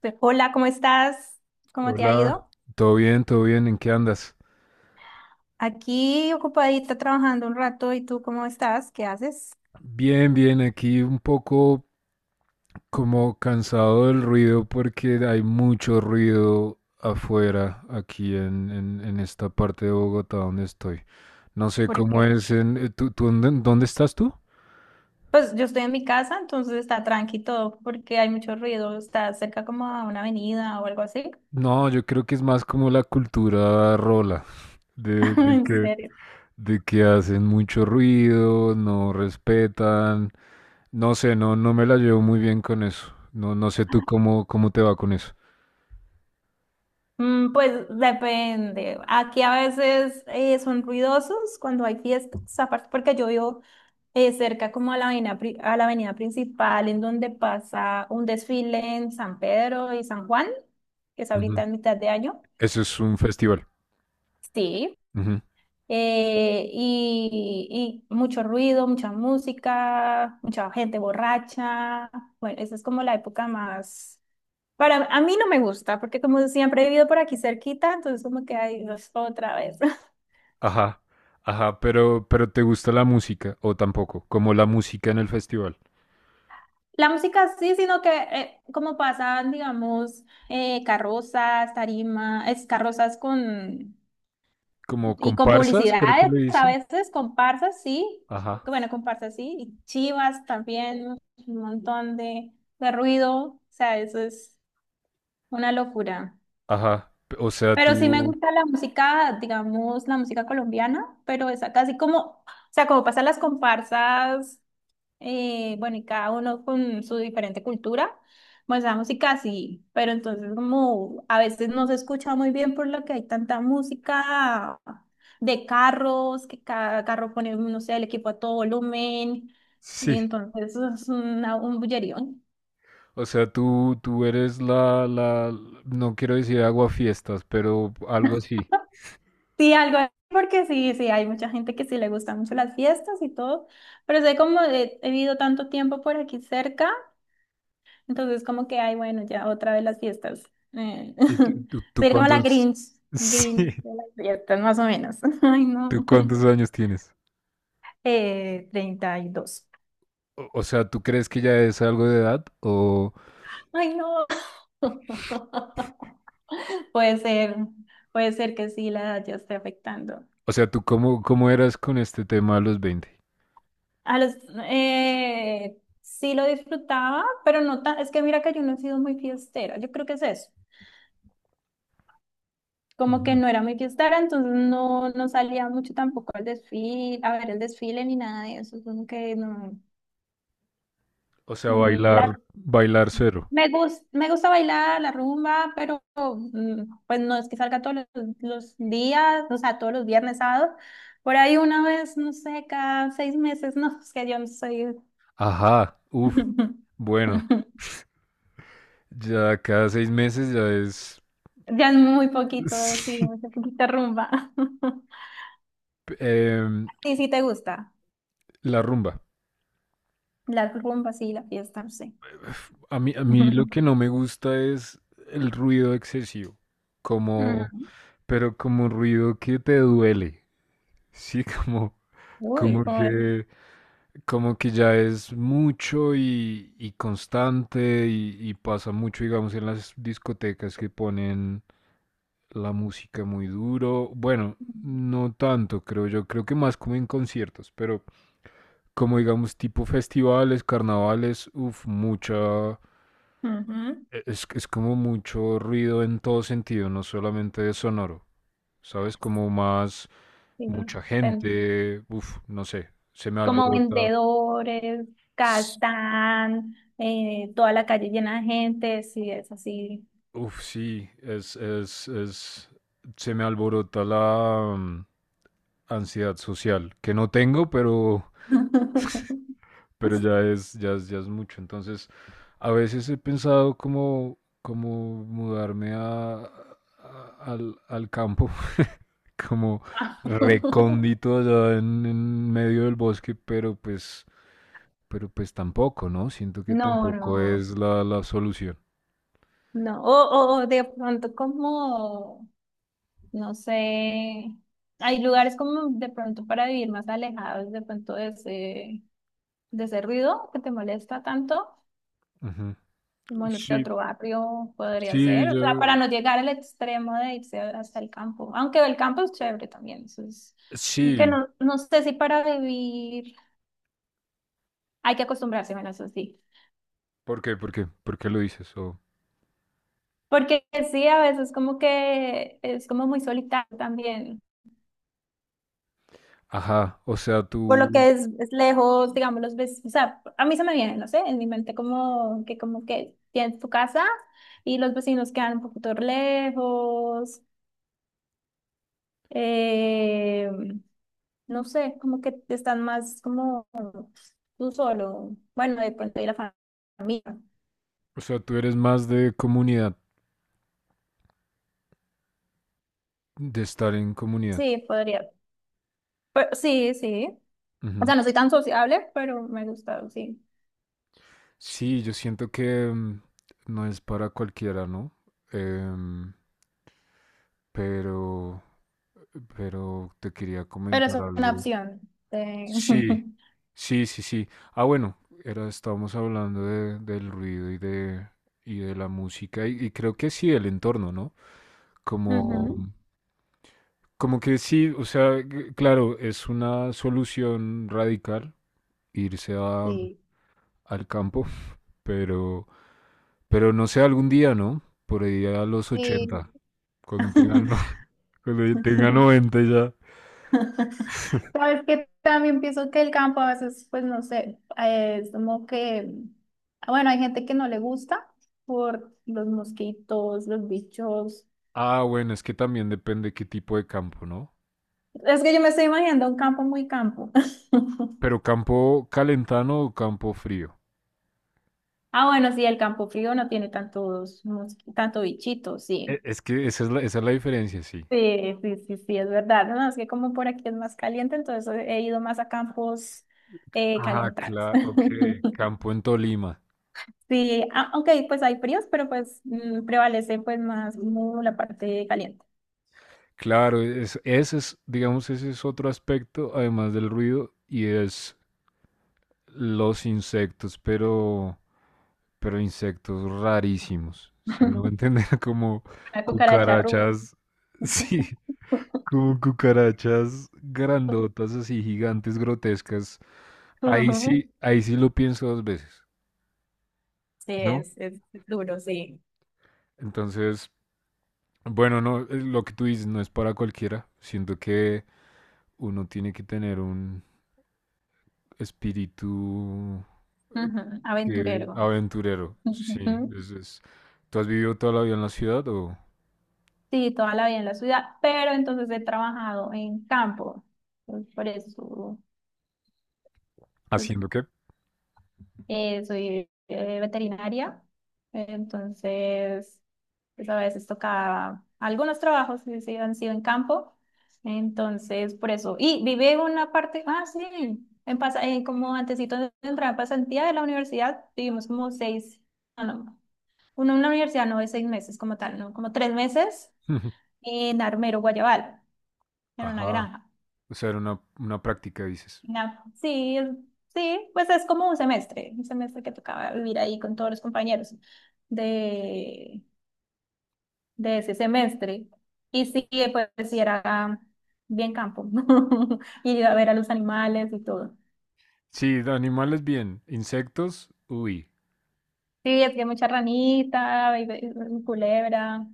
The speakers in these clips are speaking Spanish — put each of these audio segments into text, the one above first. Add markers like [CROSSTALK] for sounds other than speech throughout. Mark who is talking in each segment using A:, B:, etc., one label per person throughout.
A: Hola, ¿cómo estás? ¿Cómo te ha
B: Hola,
A: ido?
B: todo bien, ¿en qué andas?
A: Aquí ocupadita trabajando un rato, ¿y tú cómo estás? ¿Qué haces?
B: Bien, bien, aquí un poco como cansado del ruido porque hay mucho ruido afuera aquí en esta parte de Bogotá donde estoy. No sé
A: ¿Por qué?
B: cómo es ¿Tú dónde estás tú?
A: Pues yo estoy en mi casa, entonces está tranqui todo, porque hay mucho ruido, está cerca como a una avenida o algo así.
B: No, yo creo que es más como la cultura rola, de,
A: [LAUGHS]
B: de
A: En
B: que,
A: serio.
B: de que hacen mucho ruido, no respetan, no sé, no me la llevo muy bien con eso. No, no sé tú cómo te va con eso.
A: Mm, pues depende. Aquí a veces son ruidosos cuando hay fiestas, aparte porque yo vivo cerca como a la avenida, a la avenida principal en donde pasa un desfile en San Pedro y San Juan, que es ahorita en mitad de año.
B: Eso es un festival.
A: Sí.
B: Ujú.
A: Y mucho ruido, mucha música, mucha gente borracha. Bueno, esa es como la época más para a mí no me gusta, porque como siempre he vivido por aquí cerquita, entonces como que hay otra vez. [LAUGHS]
B: Ajá, ajá, pero ¿te gusta la música o tampoco? Como la música en el festival.
A: La música sí, sino que como pasan, digamos, carrozas, tarima, es carrozas con
B: Como
A: y con
B: comparsas, creo que
A: publicidades,
B: le
A: a
B: dicen.
A: veces comparsas, sí.
B: Ajá,
A: Bueno, comparsas sí, y chivas también, un montón de ruido, o sea, eso es una locura.
B: ajá. O sea,
A: Pero sí me
B: tú,
A: gusta la música, digamos, la música colombiana, pero es casi como, o sea, como pasan las comparsas, bueno, y cada uno con su diferente cultura, pues la música sí, pero entonces como a veces no se escucha muy bien por lo que hay tanta música de carros, que cada carro pone, no sé, el equipo a todo volumen, y
B: sí.
A: entonces es una, un bullerío.
B: O sea, tú eres no quiero decir aguafiestas, pero algo así.
A: Sí, algo así, porque sí, sí, hay mucha gente que sí le gustan mucho las fiestas y todo, pero sé como he vivido tanto tiempo por aquí cerca, entonces como que, ay, bueno, ya otra vez las fiestas. Eh,
B: ¿Y
A: [LAUGHS] Soy como la Grinch,
B: [LAUGHS] sí,
A: Grinch de las fiestas, más o menos. [LAUGHS] Ay,
B: tú
A: no.
B: cuántos años tienes?
A: 32.
B: O sea, ¿tú crees que ya es algo de edad? O,
A: Ay, no. [LAUGHS] Puede ser, puede ser que sí, la edad ya esté afectando.
B: o sea, ¿tú cómo eras con este tema a los 20?
A: A los, sí lo disfrutaba, pero no tan, es que mira que yo no he sido muy fiestera, yo creo que es eso, como que no era muy fiestera, entonces no salía mucho tampoco al desfile, a ver el desfile ni nada de eso, como que no,
B: O sea,
A: mm, la,
B: bailar, bailar cero.
A: me gusta bailar la rumba, pero pues no es que salga todos los días, o sea, todos los viernes, sábados, por ahí una vez, no sé, cada 6 meses, [LAUGHS] no, es que yo no soy...
B: Ajá, uff. Bueno,
A: [LAUGHS]
B: ya cada 6 meses ya es
A: Ya es muy poquito, sí,
B: [LAUGHS] Sí.
A: muy poquita rumba. [LAUGHS]
B: em,
A: Sí, sí te gusta.
B: la rumba.
A: La rumba, sí, la fiesta, sí.
B: A mí, a
A: [LAUGHS]
B: mí lo que
A: Ujú.
B: no me gusta es el ruido excesivo, como, pero como un ruido que te duele, sí, [LAUGHS]
A: Uy,
B: como
A: como,
B: que, como que ya es mucho y constante y pasa mucho, digamos, en las discotecas que ponen la música muy duro. Bueno, no tanto, creo yo. Creo que más como en conciertos, pero como digamos tipo festivales, carnavales, uff, mucha...
A: ujú,
B: Es como mucho ruido en todo sentido, no solamente de sonoro. ¿Sabes? Como más
A: sí.
B: mucha
A: Ven-
B: gente, uff, no sé, se me
A: Como
B: alborota.
A: vendedores,
B: S-
A: gastan, toda la calle llena de gente, sí, es así.
B: Uf, sí, se me alborota la ansiedad social, que no tengo, pero
A: [LAUGHS]
B: pero ya es mucho. Entonces, a veces he pensado como mudarme al campo, [LAUGHS] como recóndito allá en medio del bosque, pero pues tampoco, ¿no? Siento que
A: No,
B: tampoco
A: no,
B: es la solución.
A: no. O de pronto como no sé, hay lugares como de pronto para vivir más alejados de pronto de ese, ruido que te molesta tanto,
B: Ujú.
A: como no sé,
B: Sí,
A: otro barrio podría
B: sí,
A: ser, o sea,
B: yo,
A: para no llegar al extremo de irse hasta el campo, aunque el campo es chévere también, eso es, aunque
B: sí.
A: no, no sé si para vivir hay que acostumbrarse, bueno, eso sí,
B: ¿Por qué? ¿Por qué? ¿Por qué lo dices?
A: porque sí, a veces como que es como muy solitario también.
B: Ajá,
A: Por lo que es lejos, digamos, los ves, o sea, a mí se me viene, no sé, en mi mente como que tienes tu casa y los vecinos quedan un poquito lejos, eh, no sé, como que están más como tú solo, bueno, de pronto y la familia.
B: o sea, tú eres más de comunidad, de estar en comunidad.
A: Sí, podría, pero, sí, sí. O sea, no soy tan sociable, pero me gusta, sí.
B: Sí, yo siento que no es para cualquiera, ¿no? Em, pero, pero te quería
A: Pero es
B: comentar
A: una
B: algo.
A: opción. Sí. [LAUGHS]
B: Sí, sí, sí, sí. Ah, bueno, estábamos hablando del ruido y de la música y creo que sí, el entorno, ¿no? Como,
A: Ujú.
B: como que sí, o sea, claro, es una solución radical irse a-
A: Sí.
B: al campo, [LAUGHS] pero... Pero no sé, algún día, ¿no? Por ahí a los
A: Sí.
B: 80, cuando tengan,
A: [LAUGHS]
B: no- [LAUGHS] cuando yo tenga 90 ya.
A: Sabes que también pienso que el campo a veces, pues no sé, es como que, ah, bueno, hay gente que no le gusta por los mosquitos, los bichos.
B: Ah, bueno, es que también depende qué tipo de campo, ¿no?
A: Es que yo me estoy imaginando un campo muy campo.
B: Pero
A: [LAUGHS]
B: campo calentano o campo frío.
A: Ah, bueno, sí, el campo frío no tiene tanto bichito, sí.
B: Es que esa es la diferencia, sí.
A: Sí, sí, sí, sí, es verdad. No, es que como por aquí es más caliente, entonces he ido más a campos
B: Ah,
A: calentados.
B: claro, ok.
A: [LAUGHS]
B: Campo en Tolima.
A: Sí, ah, ok, pues hay fríos, pero pues prevalece pues más como la parte caliente.
B: Claro, digamos, ese es otro aspecto, además del ruido, y es los insectos, pero... Pero insectos rarísimos. Si me hago
A: [LAUGHS]
B: entender, [LAUGHS] como
A: La cucaracha rusa.
B: cucarachas, [LAUGHS] sí, como cucarachas grandotas, así gigantes, grotescas.
A: Ujú,
B: Ahí sí lo pienso dos veces,
A: sí,
B: ¿no?
A: es duro, sí.
B: Entonces, bueno, no, lo que tú dices no es para cualquiera. Siento que uno tiene que tener un espíritu
A: Ujú,
B: que
A: aventurero.
B: aventurero. Sí,
A: Ujú.
B: es, es- ¿Tú has vivido toda la vida en la ciudad o
A: Sí, toda la vida en la ciudad, pero entonces he trabajado en campo. Entonces, por eso, pues
B: haciendo qué?
A: Soy veterinaria, entonces pues a veces tocaba algunos trabajos sí, sí, han sido en campo, entonces por eso. Y viví una parte, ah, sí, en como antesito de entrar a pasantía de la universidad, vivimos como seis, no, no, uno en la universidad no es 6 meses como tal, no, como 3 meses
B: [LAUGHS]
A: en Armero, Guayabal, en una
B: Ajá.
A: granja.
B: O sea, era una práctica, dices.
A: Sí, sí, pues es como un semestre que tocaba vivir ahí con todos los compañeros de, de ese semestre. Y sí, pues sí era bien campo. [LAUGHS] Y iba a ver a los animales y todo.
B: Sí, de animales bien. Insectos, uy.
A: Sí, es que mucha ranita, y culebra.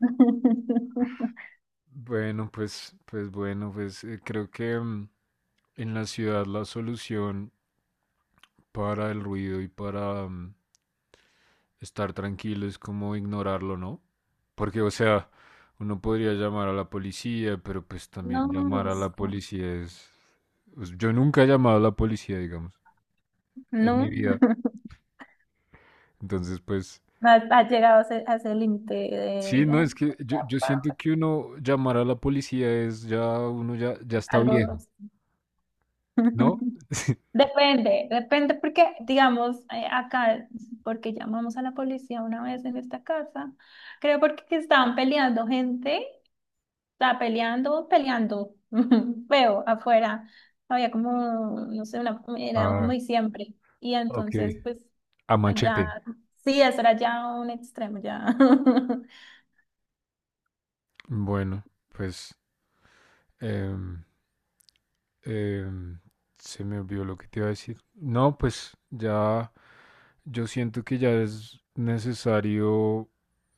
A: [LAUGHS]
B: Bueno, pues bueno, pues creo que en la ciudad la solución para el ruido y para estar tranquilo es como ignorarlo, ¿no? Porque, o sea, uno podría llamar a la policía, pero pues también
A: No,
B: llamar a la
A: molusco.
B: policía es... Pues, yo nunca he llamado a la policía, digamos, en mi
A: No.
B: vida.
A: [LAUGHS]
B: Entonces, pues,
A: Has llegado a ese, límite
B: sí,
A: de
B: no, es que yo siento que uno llamar a la policía es ya, uno ya está
A: algo.
B: viejo, ¿no?
A: [LAUGHS]
B: [LAUGHS]
A: Depende, depende porque, digamos, acá, porque llamamos a la policía una vez en esta casa, creo porque que estaban peleando gente, estaba peleando, peleando, [LAUGHS] feo, afuera, había como, no sé, una, era como
B: Ah,
A: diciembre, y
B: ok.
A: entonces, pues,
B: A machete.
A: allá, sí, eso era ya un extremo, ya.
B: Bueno, pues em, em, se me olvidó lo que te iba a decir. No, pues ya yo siento que ya es necesario...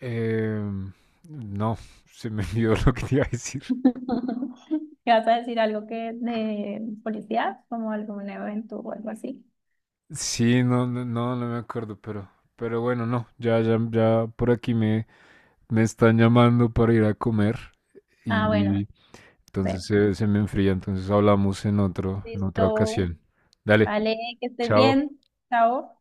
B: em, no, [LAUGHS] se me olvidó [LAUGHS] lo que te iba a decir.
A: [LAUGHS] ¿Qué vas a decir algo que de policía, como algún evento o algo así?
B: Sí, no, no, no, no me acuerdo, pero bueno, no, ya, ya, ya por aquí me están llamando para ir a comer
A: Ah, bueno,
B: y
A: ve,
B: entonces se me enfría, entonces hablamos en otra
A: listo.
B: ocasión. Dale,
A: Vale, que estés
B: chao.
A: bien. Chao.